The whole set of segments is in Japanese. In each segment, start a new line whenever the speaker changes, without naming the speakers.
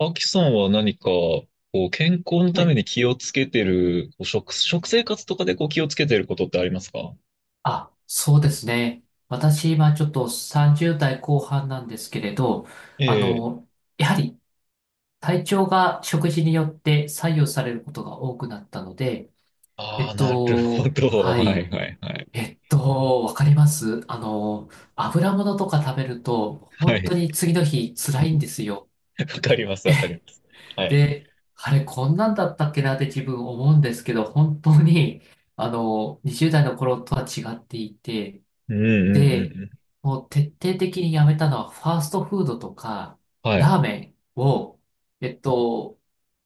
アキさんは何か、こう、健康の
は
ため
い。
に気をつけてる、こう食生活とかでこう気をつけてることってありますか？
あ、そうですね。私、今ちょっと30代後半なんですけれど、
え
あ
え。
の、やはり体調が食事によって左右されることが多くなったので、
ああ、なるほど。
は
はい
い。
はいはい。
わかります。油物とか食べると、
は
本当
い。
に次の日辛いんですよ。
わかります、わかります。はい。
で、あれ、こんなんだったっけなって自分思うんですけど、本当に、20代の頃とは違っていて、
うんうんう
で、
んうん。
もう徹底的にやめたのは、ファーストフードとか、
は
ラ
い。
ーメンを、えっと、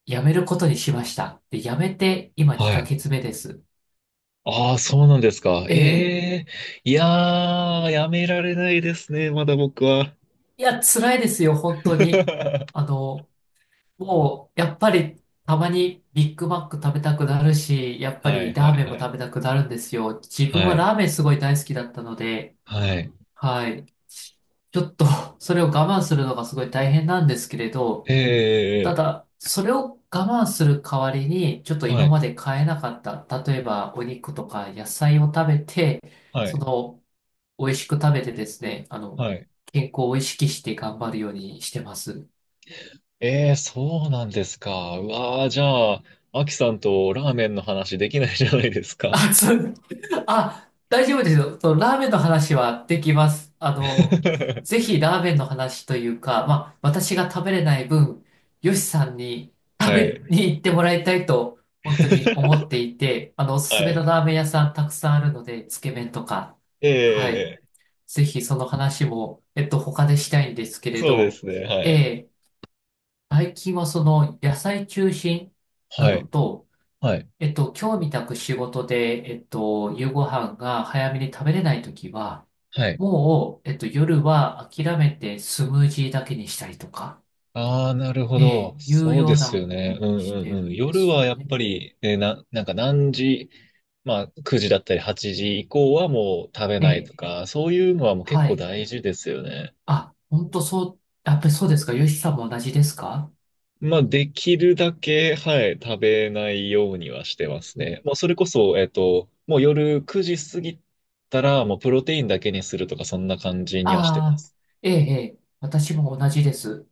やめることにしました。で、やめて、今
は
2
い。
ヶ月目です。
ああ、そうなんですか。
ええ。
ええ。いやー、やめられないですね、まだ僕は。
いや、辛いですよ、本当に。あ の、もう、やっぱり、たまにビッグマック食べたくなるし、やっぱ
はい
りラ
は
ー
い
メンも
はい。
食べたくなるんですよ。自分
は
は
い。
ラーメンすごい大好きだったので、
はい。
はい。ちょっと、それを我慢するのがすごい大変なんですけれど、
え
た
え。
だ、それを我慢する代わりに、ちょっと
は
今
い。
まで買えなかった、例えばお肉とか野菜を食べて、
は
そ
い。
の、美味しく食べてですね、
はい。
健康を意識して頑張るようにしてます。
ええ、そうなんですか。うわあ、じゃあ、アキさんとラーメンの話できないじゃないですか。
あ、そう、あ、大丈夫ですよ。そのラーメンの話はできます。ぜ ひラーメンの話というか、まあ、私が食べれない分、ヨシさんに食
は
べ
い。
に行ってもらいたいと、本当に思って いて、おすす
は
めの
い。
ラーメン屋さんたくさんあるので、つけ麺とか、
え
はい。
え、
ぜひその話も、他でしたいんですけれ
そうで
ど、
すね。はい。
えー最近はその野菜中心な
は
の
い。
と、
はい。
今日みたく仕事で、夕ご飯が早めに食べれないときは、
はい。
もう、夜は諦めてスムージーだけにしたりとか、
ああ、なるほ
え
ど。
え、いう
そう
よ
で
う
すよ
なふう
ね。うん
にし
うん
てる
うん。
んで
夜
す
は
よ
やっ
ね。
ぱり、なんか何時、まあ、9時だったり8時以降はもう食べ
え
ない
え、
とか、そういうのはもう結
は
構
い。
大事ですよね。
あ、本当そう、やっぱりそうですか。ヨシさんも同じですか？
まあ、できるだけ、はい、食べないようにはしてます
う
ね。
ん。
もうそれこそ、もう夜9時過ぎたら、もうプロテインだけにするとか、そんな感じにはしてま
ああ、
す。
ええ、ええ、私も同じです。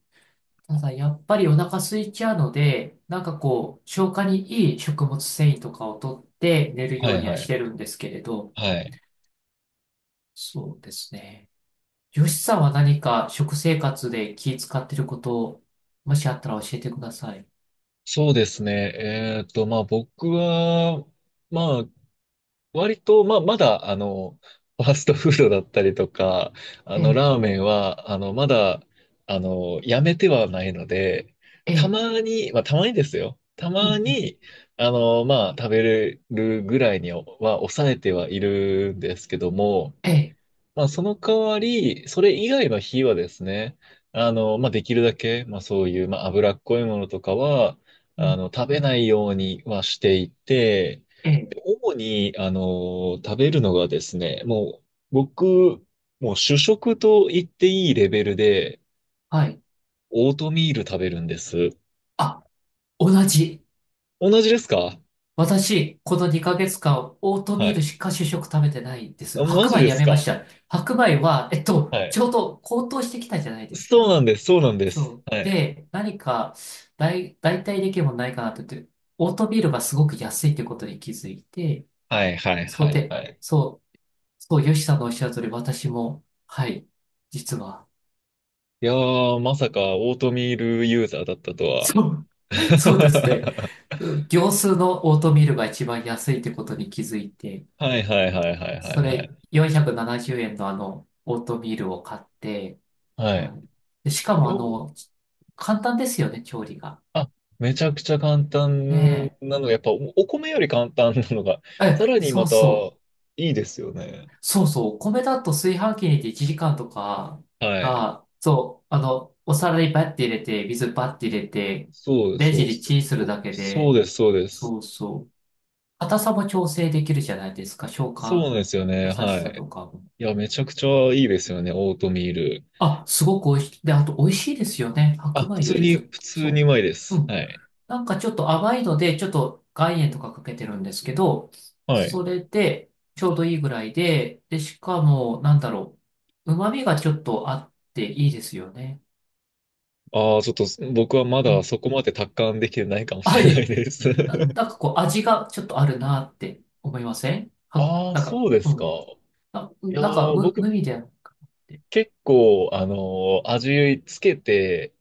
ただ、やっぱりお腹空いちゃうので、なんかこう、消化にいい食物繊維とかを取って寝るよ
は
う
い
には
は
して
い。
るんですけれど、
はい。
そうですね。よしさんは何か食生活で気使ってることを、もしあったら教えてください。
そうですね。まあ僕は、まあ割と、まあ、まだ、ファーストフードだったりとか、
ええ、
ラーメンは、まだ、やめてはないので、
え
た
え、
まに、まあ、たまにですよ。た
うん、う
ま
ん
に、まあ、食べれるぐらいには抑えてはいるんですけども、
ええ、
まあ、その代わり、それ以外の火はですね、まあ、できるだけ、まあ、そういう、まあ、脂っこいものとかは、
うん
食べないようにはしていて、
ええ、
で主に、食べるのがですね、もう、僕、もう主食と言っていいレベルで、
はい。
オートミール食べるんです。
あ、同じ。
同じですか？
私、この2ヶ月間、オートミ
は
ール
い。
しか主食食べてないです。
あマ
白
ジ
米
で
や
す
めま
か？
した。白米は、
はい。
ちょうど高騰してきたじゃないです
そう
か。
なんです、そうなんです。
そう。
はい。
で、何か代替できるものないかなって言って、オートミールがすごく安いってことに気づいて、
はい、はい、
そう
はい、
で、
はい。
そう。そう、ヨシさんのおっしゃる通り、私も、はい、実は、
いやー、まさかオートミールユーザーだったとは。
そう、そうですね。業スーのオートミールが一番安いってことに気づいて、
はいはいはいはいはい
そ
は
れ
い。
470円のオートミールを買って、
は
はい。でしか
い。
も
よ
簡単ですよね、調理が。
あ、めちゃくちゃ簡単
ね
なのが、やっぱお、お米より簡単なのが、
え。
さ
え、
らに
そ
ま
う
た
そう。
いいですよね。
そうそう。お米だと炊飯器に入れて1時間とか
はい。
が、そう、お皿にバッて入れて、水バッて入れて、
そう
レン
そ
ジ
う
で
そう
チンす
そ
る
う。
だけ
そう
で、
です、そうです。
そうそう。硬さも調整できるじゃないですか。消
そうな
化、
んですよね。
優し
は
さ
い。
とかも。
いや、めちゃくちゃいいですよね、オートミール。
あ、すごく美味しい。で、あと美味しいですよね。
あ、
白
普
米よ
通
りち
に、
ょっ
普
と、
通にう
そ
まいで
う。う
す。
ん。
はい。
なんかちょっと甘いので、ちょっと岩塩とかかけてるんですけど、
は
そ
い。
れでちょうどいいぐらいで、で、しかも、なんだろう。旨味がちょっとあっていいですよね。
ああ、ちょっと僕はま
う
だ
ん。
そこまで達観できてないかもし
あ、い
れない
え、
です。
なんかこう味がちょっとあるなって思いませんは、
ああ、
なんか、
そうで
う
すか。
ん。
いや
なんか
ー、僕
無味ではなくて。
結構、味つけて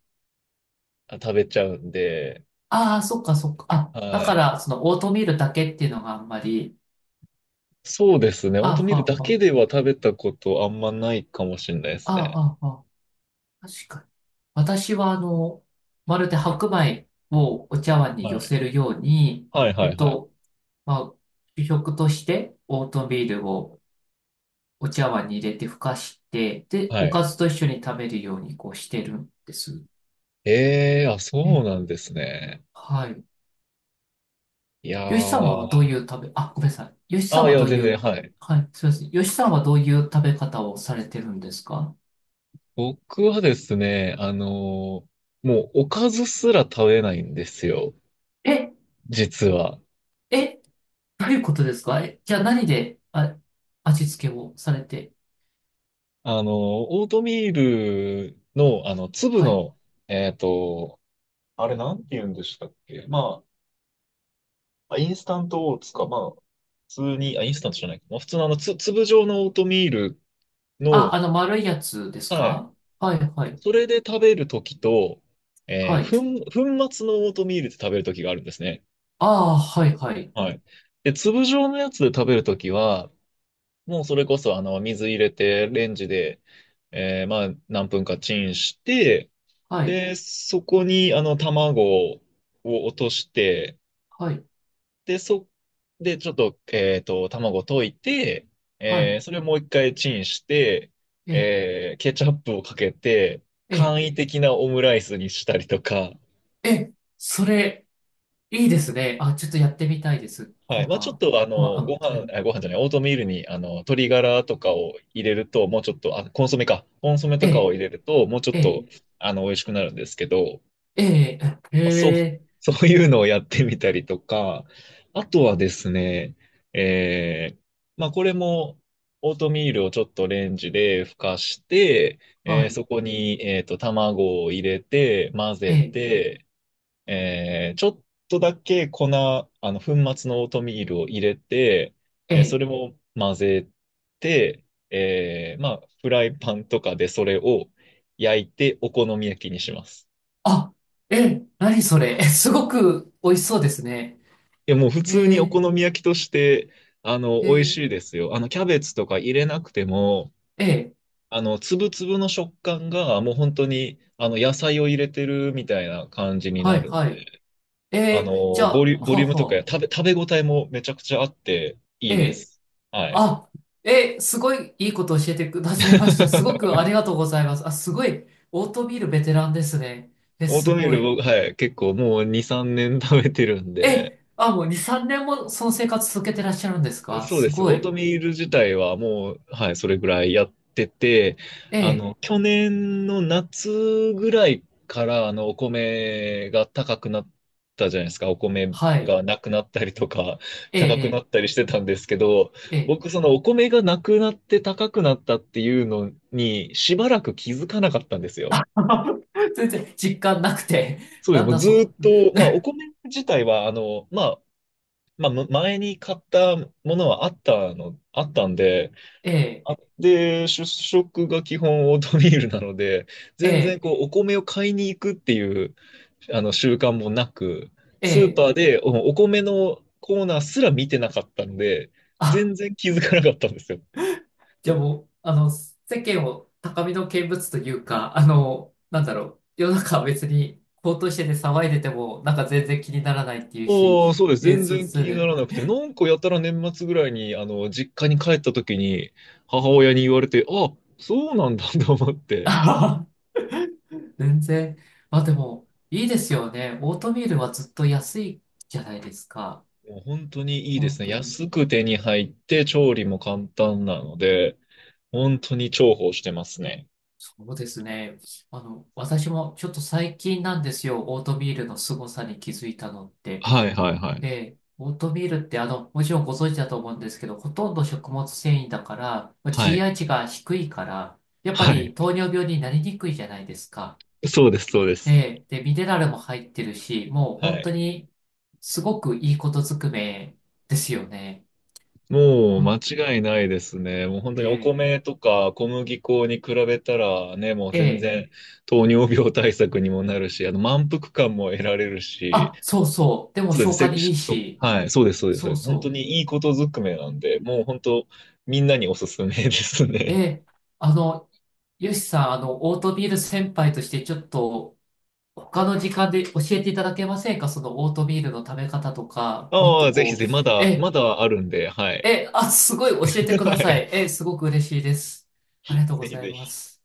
あ食べちゃうんで、
ああ、そっかそっか。あ、
は
だか
い。
ら、そのオートミールだけっていうのがあんまり、
そうですね。オート
あ
ミ
あ、
ー
は
ルだ
あ
け
は
では食べたことあんまないかもしれないで
あ
す
あ、
ね。
あはあ確かに。私は、まるで白米をお茶碗に
は
寄
い。
せるように、
はい
え
は
っ
いはい。
と、まあ、主食としてオートミールをお茶碗に入れてふかして、で、
は
おか
い。
ずと一緒に食べるようにこうしてるんです。
ええー、あ、
え
そう
え、
なんですね。
はい。
いや
よしさんはどう
ー。
いう食べ、あ、ごめんなさい。よし
あ
さん
あ、い
は
や、
どうい
全然、
う、
はい。
はい、すみません。よしさんはどういう食べ方をされてるんですか？
僕はですね、もうおかずすら食べないんですよ、
え、
実は。
え、どういうことですか？え、じゃあ何で、あ、味付けをされて。
あのオートミールの、粒
はい。
の、えっと、あれなんて言うんでしたっけ？まあ、あインスタントオーツか、まあ、普通に、あ、インスタントじゃないか。まあ、普通の粒状のオートミールの、
あ、あの丸いやつです
はい。
か？はい、はい、
それで食べるときと、え
は
ー、
い。
粉末のオートミールで食べるときがあるんですね。
ああ、はい、はい、
はい。で、粒状のやつで食べるときは、もうそれこそ、水入れて、レンジで、まあ、何分かチンして、
はい、
で、そこに、卵を落として、
はい、
で、そ、で、ちょっと、卵溶いて、
はい。
それをもう一回チンして、
え、
ケチャップをかけて、簡
え、
易的なオムライスにしたりとか、
え、それ、いいですね。あ、ちょっとやってみたいです。
はい。
今
まあ、ちょっ
晩。
と、
今晩
ご
あ、う
飯、
ん、
あご飯じゃない、オートミールに、鶏ガラとかを入れると、もうちょっと、あ、コンソメか。コンソメとかを
え、
入れると、もうちょっ
え、
と、
え、
美味しくなるんですけど、
え、
まあ、そう、
え、
そういうのをやってみたりとか、あとはですね、えー、まあ、これも、オートミールをちょっとレンジでふかして、
はい、
そこに、卵を入れて、混ぜ
え、
て、ちょっとだけ粉末のオートミールを入れて、そ
え、
れを混ぜて、まあ、フライパンとかでそれを焼いてお好み焼きにします。
あ、え、何それ。え、すごく美味しそうですね。
いや、もう普
え
通にお
ー、
好み焼きとして、
え
美味
ー、
しいですよ。キャベツとか入れなくても、
えー
粒々の食感がもう本当に、野菜を入れてるみたいな感じに
は
な
い、
るの。
はい。えー、じゃあ、
ボ
はあ
リュームとか
は
や
あ、
食べ、食べ応えもめちゃくちゃあってい
え
いで
え
す。はい。
あ、すごいいいことを教えてくださいました。すごくあ りがとうございます。あ、すごい、オートミールベテランですね。え、
オー
す
トミー
ご
ル
い。
僕、はい、結構もう2、3年食べてるんで、
え、あ、もう2、3年もその生活続けてらっしゃるんですか？
そうで
す
す。オ
ご
ート
い。
ミール自体はもう、はい、それぐらいやってて、
ええ、
去年の夏ぐらいから、お米が高くなったじゃないですか。お米
はい。
がなくなったりとか、高くな
え
っ
え
たりしてたんですけど、
ええええ
僕、そのお米がなくなって高くなったっていうのに、しばらく気づかなかったんですよ。
全然実感なくて。
そうです。
なん
もう
だ
ずー
そ
っ
の、
と、まあ、お米自体は、まあ、まあ、前に買ったものはあったの、あったんで、
ええ
あで、主食が基本オートミールなので、全
え
然こうお米を買いに行くっていうあの習慣もなく、
え
スー
え
パ
え
ーでお米のコーナーすら見てなかったんで、
あ
全然気づかなかったんですよ。
じゃあもう、世間を高みの見物というか、なんだろう、世の中は別に高騰してて騒いでても、なんか全然気にならないっていうし、
おー、そうです。
えー、
全
そう
然気
そう
にな
ね。
らなくて、なんかやたら年末ぐらいに、実家に帰った時に、母親に言われて、あ、そうなんだ と思っ て、
あはは全然。まあでも、いいですよね。オートミールはずっと安いじゃないですか。
もう本当にいいで
本
すね。
当に。
安く手に入って、調理も簡単なので、本当に重宝してますね。
そうですね。私もちょっと最近なんですよ。オートミールの凄さに気づいたのって。
はいはいはい。
ええ、オートミールってもちろんご存知だと思うんですけど、ほとんど食物繊維だから、まあ
はい。
GI 値が低いから、やっぱ
はい。
り糖尿病になりにくいじゃないですか。
そうです、そうで
え
す。
え、で、ミネラルも入ってるし、もう
は
本当
い。
にすごくいいことずくめですよね。
もう
ほ
間
ん
違いないですね。もう本当にお
え
米とか小麦粉に比べたらね、もう
え、え
全
え、
然糖尿病対策にもなるし、あの満腹感も得られるし、
あ、そうそう。でも
そうです。
消化にいいし、
はい、そうです、そうです、そう
そ
で
う
す。本当
そ
にいいことずくめなんで、もう本当みんなにおすすめです
う。え
ね。
え、あの、よしさん、オートミール先輩としてちょっと、他の時間で教えていただけませんか？そのオートミールの食べ方と か、もっ
あ
と
あ、ぜひ
こ
ぜ
う、
ひ、まだ、ま
え、
だあるんで、はい。
え、あ、すごい教えて く
は
ださ
い。
い。え、すごく嬉しいです。ありがとうご
ぜひ
ざい
ぜ
ま
ひ。
す。